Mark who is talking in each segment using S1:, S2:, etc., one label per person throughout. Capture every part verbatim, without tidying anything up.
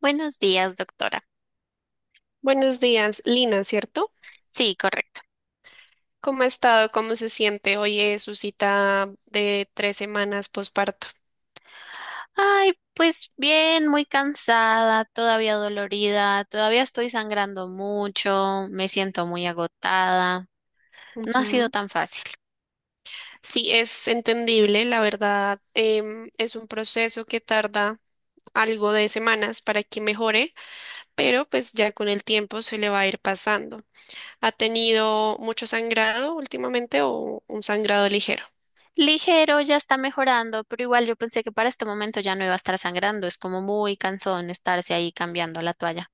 S1: Buenos días, doctora.
S2: Buenos días, Lina, ¿cierto?
S1: Sí, correcto.
S2: ¿Cómo ha estado? ¿Cómo se siente? Hoy es su cita de tres semanas posparto.
S1: Ay, pues bien, muy cansada, todavía dolorida, todavía estoy sangrando mucho, me siento muy agotada. No ha sido
S2: Ujú.
S1: tan fácil.
S2: Sí, es entendible, la verdad, em, es un proceso que tarda algo de semanas para que mejore, pero pues ya con el tiempo se le va a ir pasando. ¿Ha tenido mucho sangrado últimamente o un sangrado ligero?
S1: Ligero, ya está mejorando, pero igual yo pensé que para este momento ya no iba a estar sangrando. Es como muy cansón estarse ahí cambiando la toalla.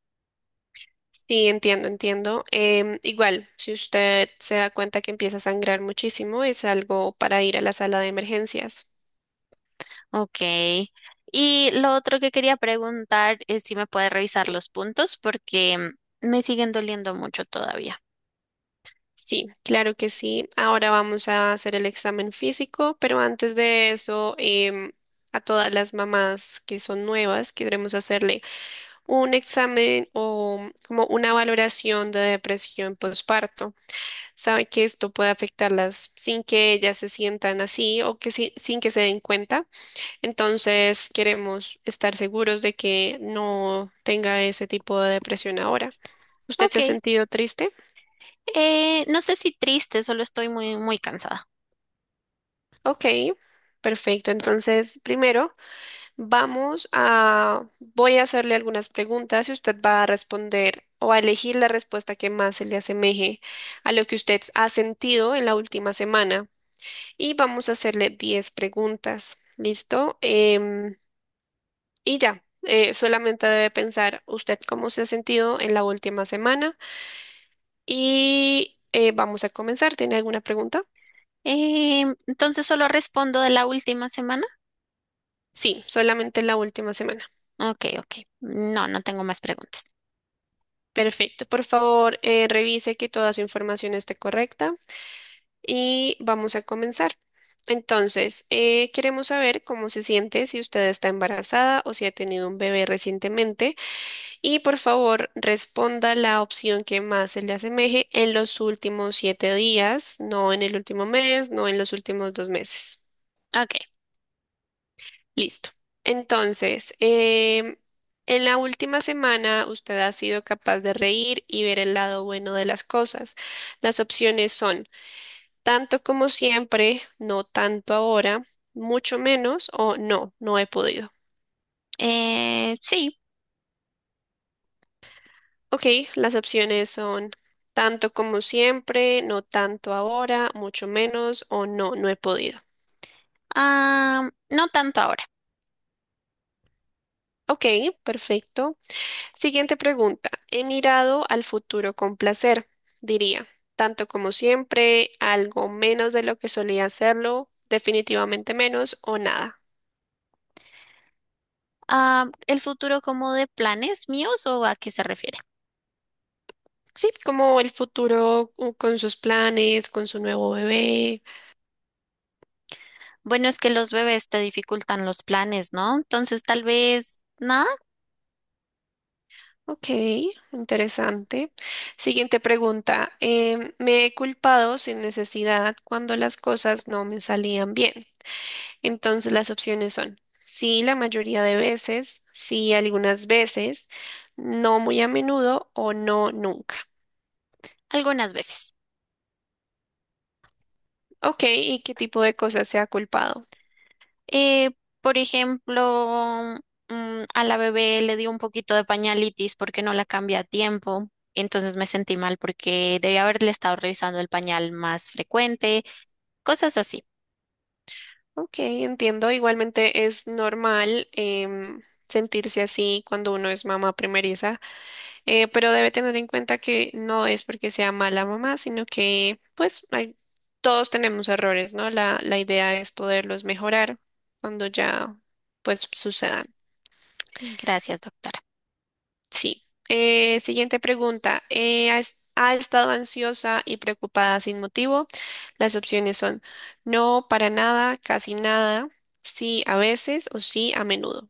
S2: Sí, entiendo, entiendo. Em, igual, si usted se da cuenta que empieza a sangrar muchísimo, es algo para ir a la sala de emergencias.
S1: Ok. Y lo otro que quería preguntar es si me puede revisar los puntos porque mm, me siguen doliendo mucho todavía.
S2: Sí, claro que sí. Ahora vamos a hacer el examen físico, pero antes de eso, em, a todas las mamás que son nuevas, queremos hacerle un examen o como una valoración de depresión postparto. Sabe que esto puede afectarlas sin que ellas se sientan así o que si- sin que se den cuenta. Entonces, queremos estar seguros de que no tenga ese tipo de depresión ahora. ¿Usted
S1: Ok.
S2: se ha sentido triste?
S1: Eh, no sé si triste, solo estoy muy, muy cansada.
S2: Ok, perfecto. Entonces, primero vamos a, voy a hacerle algunas preguntas y usted va a responder o a elegir la respuesta que más se le asemeje a lo que usted ha sentido en la última semana. Y vamos a hacerle diez preguntas. ¿Listo? Em, y ya, eh, solamente debe pensar usted cómo se ha sentido en la última semana. Y eh, vamos a comenzar. ¿Tiene alguna pregunta?
S1: Eh, entonces solo respondo de la última semana.
S2: Sí, solamente la última semana.
S1: Ok, ok. No, no tengo más preguntas.
S2: Perfecto. Por favor, eh, revise que toda su información esté correcta y vamos a comenzar. Entonces, eh, queremos saber cómo se siente si usted está embarazada o si ha tenido un bebé recientemente y por favor responda la opción que más se le asemeje en los últimos siete días, no en el último mes, no en los últimos dos meses.
S1: Ok.
S2: Listo. Entonces, em, en la última semana usted ha sido capaz de reír y ver el lado bueno de las cosas. Las opciones son tanto como siempre, no tanto ahora, mucho menos o no, no he podido.
S1: Eh, sí.
S2: Ok, las opciones son tanto como siempre, no tanto ahora, mucho menos o no, no he podido.
S1: Ah, no tanto ahora.
S2: Ok, perfecto. Siguiente pregunta. He mirado al futuro con placer, diría, tanto como siempre, algo menos de lo que solía hacerlo, definitivamente menos o nada.
S1: Ah, ¿el futuro como de planes míos o a qué se refiere?
S2: Sí, como el futuro uh, con sus planes, con su nuevo bebé.
S1: Bueno, es que los bebés te dificultan los planes, ¿no? Entonces tal vez, nada,
S2: Ok, interesante. Siguiente pregunta. Em, me he culpado sin necesidad cuando las cosas no me salían bien. Entonces las opciones son sí la mayoría de veces, sí algunas veces, no muy a menudo o no nunca.
S1: algunas veces.
S2: Ok, ¿y qué tipo de cosas se ha culpado?
S1: Eh, por ejemplo, mm, a la bebé le dio un poquito de pañalitis porque no la cambié a tiempo. Entonces me sentí mal porque debía haberle estado revisando el pañal más frecuente, cosas así.
S2: Ok, entiendo. Igualmente es normal em, sentirse así cuando uno es mamá primeriza, eh, pero debe tener en cuenta que no es porque sea mala mamá, sino que pues hay- todos tenemos errores, ¿no? La, la idea es poderlos mejorar cuando ya pues sucedan.
S1: Sí, gracias, doctora.
S2: Sí. Eh, siguiente pregunta. Eh, ¿has- ¿ha estado ansiosa y preocupada sin motivo? Las opciones son no, para nada, casi nada, sí a veces o sí a menudo.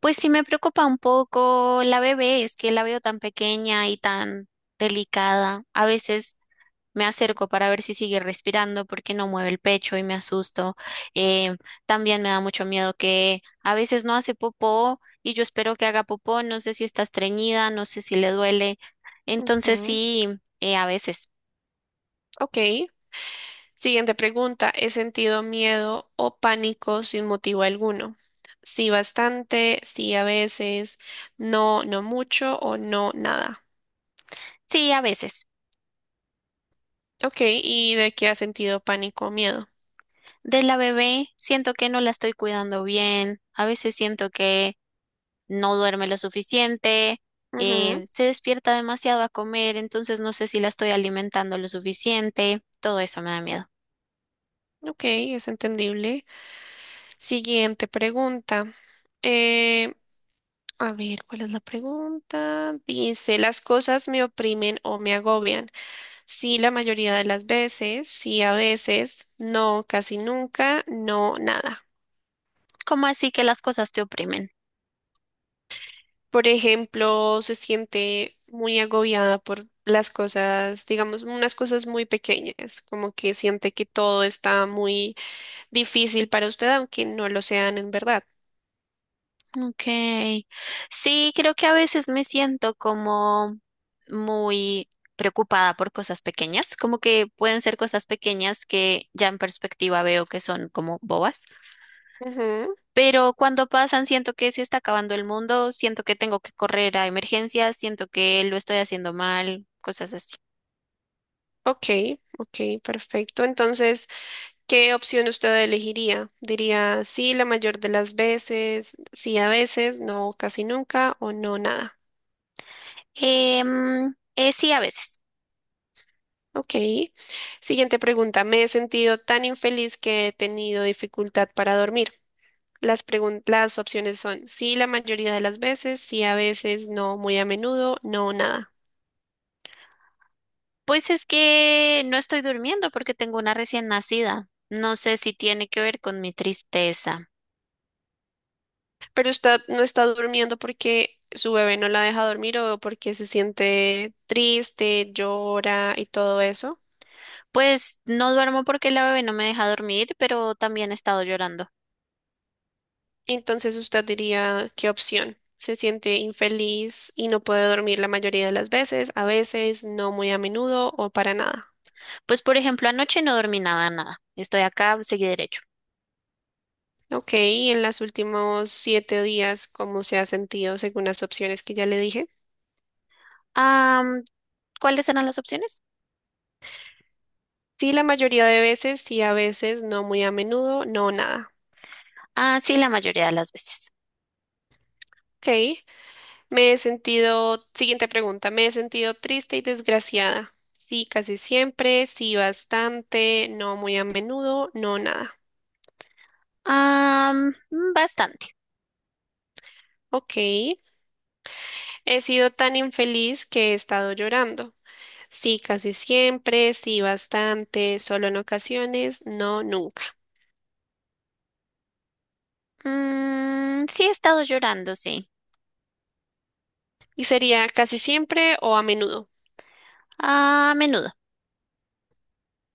S1: Pues sí me preocupa un poco la bebé, es que la veo tan pequeña y tan delicada. A veces me acerco para ver si sigue respirando porque no mueve el pecho y me asusto. Eh, También me da mucho miedo que a veces no hace popó y yo espero que haga popó. No sé si está estreñida, no sé si le duele. Entonces
S2: Ujú.
S1: sí, eh, a veces.
S2: Ok. Siguiente pregunta, ¿he sentido miedo o pánico sin motivo alguno? Sí, bastante, sí, a veces, no, no mucho o no, nada.
S1: Sí, a veces.
S2: Ok, ¿y de qué has sentido pánico o miedo?
S1: De la bebé siento que no la estoy cuidando bien. A veces siento que no duerme lo suficiente.
S2: Ujú,
S1: Eh, se despierta demasiado a comer, entonces no sé si la estoy alimentando lo suficiente. Todo eso me da miedo.
S2: ok, es entendible. Siguiente pregunta. Eh, a ver, ¿cuál es la pregunta? Dice, ¿las cosas me oprimen o me agobian? Sí, la mayoría de las veces, sí, a veces, no, casi nunca, no, nada.
S1: ¿Cómo así que las cosas te oprimen?
S2: Por ejemplo, se siente muy agobiada por las cosas, digamos, unas cosas muy pequeñas, como que siente que todo está muy difícil para usted, aunque no lo sean en verdad.
S1: Ok. Sí, creo que a veces me siento como muy preocupada por cosas pequeñas, como que pueden ser cosas pequeñas que ya en perspectiva veo que son como bobas,
S2: Ujú.
S1: pero cuando pasan siento que se está acabando el mundo, siento que tengo que correr a emergencias, siento que lo estoy haciendo mal, cosas así.
S2: Ok, ok, perfecto. Entonces, ¿qué opción usted elegiría? ¿Diría sí la mayor de las veces, sí a veces, no casi nunca o no nada?
S1: Em, eh, sí, a veces.
S2: Ok. Siguiente pregunta. Me he sentido tan infeliz que he tenido dificultad para dormir. Las pregun- las opciones son sí la mayoría de las veces, sí a veces, no muy a menudo, no nada.
S1: Pues es que no estoy durmiendo porque tengo una recién nacida. No sé si tiene que ver con mi tristeza.
S2: Pero usted no está durmiendo porque su bebé no la deja dormir o porque se siente triste, llora y todo eso.
S1: Pues no duermo porque la bebé no me deja dormir, pero también he estado llorando.
S2: Entonces usted diría, ¿qué opción? Se siente infeliz y no puede dormir la mayoría de las veces, a veces, no muy a menudo o para nada.
S1: Pues por ejemplo, anoche no dormí nada, nada. Estoy acá, seguí derecho.
S2: Ok, y en los últimos siete días, ¿cómo se ha sentido según las opciones que ya le dije?
S1: Am, ¿Cuáles eran las opciones?
S2: Sí, la mayoría de veces, sí, a veces, no muy a menudo, no nada.
S1: Ah, sí, la mayoría de las veces.
S2: Ok, me he sentido, siguiente pregunta, me he sentido triste y desgraciada. Sí, casi siempre, sí, bastante, no muy a menudo, no nada.
S1: Am, mm, bastante.
S2: Ok, he sido tan infeliz que he estado llorando. Sí, casi siempre, sí, bastante, solo en ocasiones, no nunca.
S1: Mm, sí, he estado llorando, sí.
S2: ¿Y sería casi siempre o a menudo?
S1: A menudo.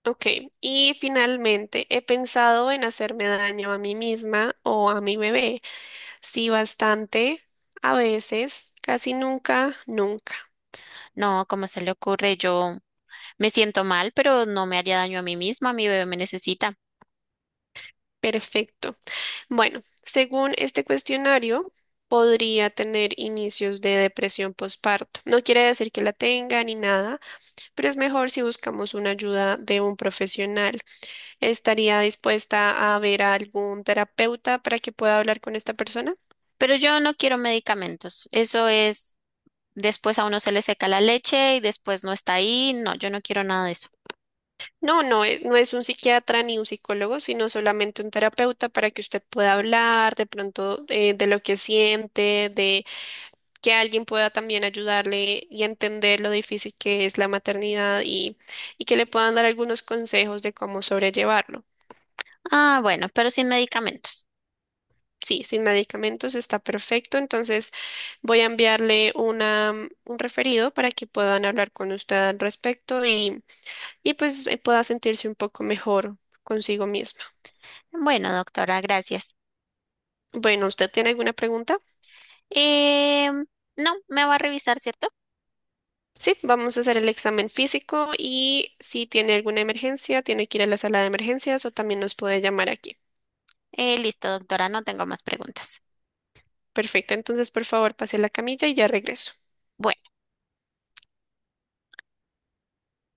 S2: Ok, y finalmente he pensado en hacerme daño a mí misma o a mi bebé. Sí, bastante, a veces, casi nunca, nunca.
S1: No, ¿cómo se le ocurre? Yo me siento mal, pero no me haría daño a mí misma, mi bebé me necesita.
S2: Perfecto. Bueno, según este cuestionario, podría tener inicios de depresión postparto. No quiere decir que la tenga ni nada, pero es mejor si buscamos una ayuda de un profesional. ¿Estaría dispuesta a ver a algún terapeuta para que pueda hablar con esta persona?
S1: Pero yo no quiero medicamentos. Eso es, después a uno se le seca la leche y después no está ahí. No, yo no quiero nada de eso.
S2: No, no, e- no es un psiquiatra ni un psicólogo, sino solamente un terapeuta para que usted pueda hablar de pronto eh, de lo que siente, de que alguien pueda también ayudarle y entender lo difícil que es la maternidad y, y que le puedan dar algunos consejos de cómo sobrellevarlo.
S1: Ah, bueno, pero sin medicamentos.
S2: Sí, sin medicamentos está perfecto, entonces voy a enviarle una, mm, un referido para que puedan hablar con usted al respecto y, y pues eh, pueda sentirse un poco mejor consigo mismo.
S1: Bueno, doctora, gracias.
S2: Bueno, ¿usted tiene alguna pregunta?
S1: Eh, no, me va a revisar, ¿cierto?
S2: Sí, vamos a hacer el examen físico y si tiene alguna emergencia, tiene que ir a la sala de emergencias o también nos puede llamar aquí.
S1: Eh, listo, doctora, no tengo más preguntas.
S2: Perfecto, entonces por favor pase a la camilla y ya regreso.
S1: Bueno.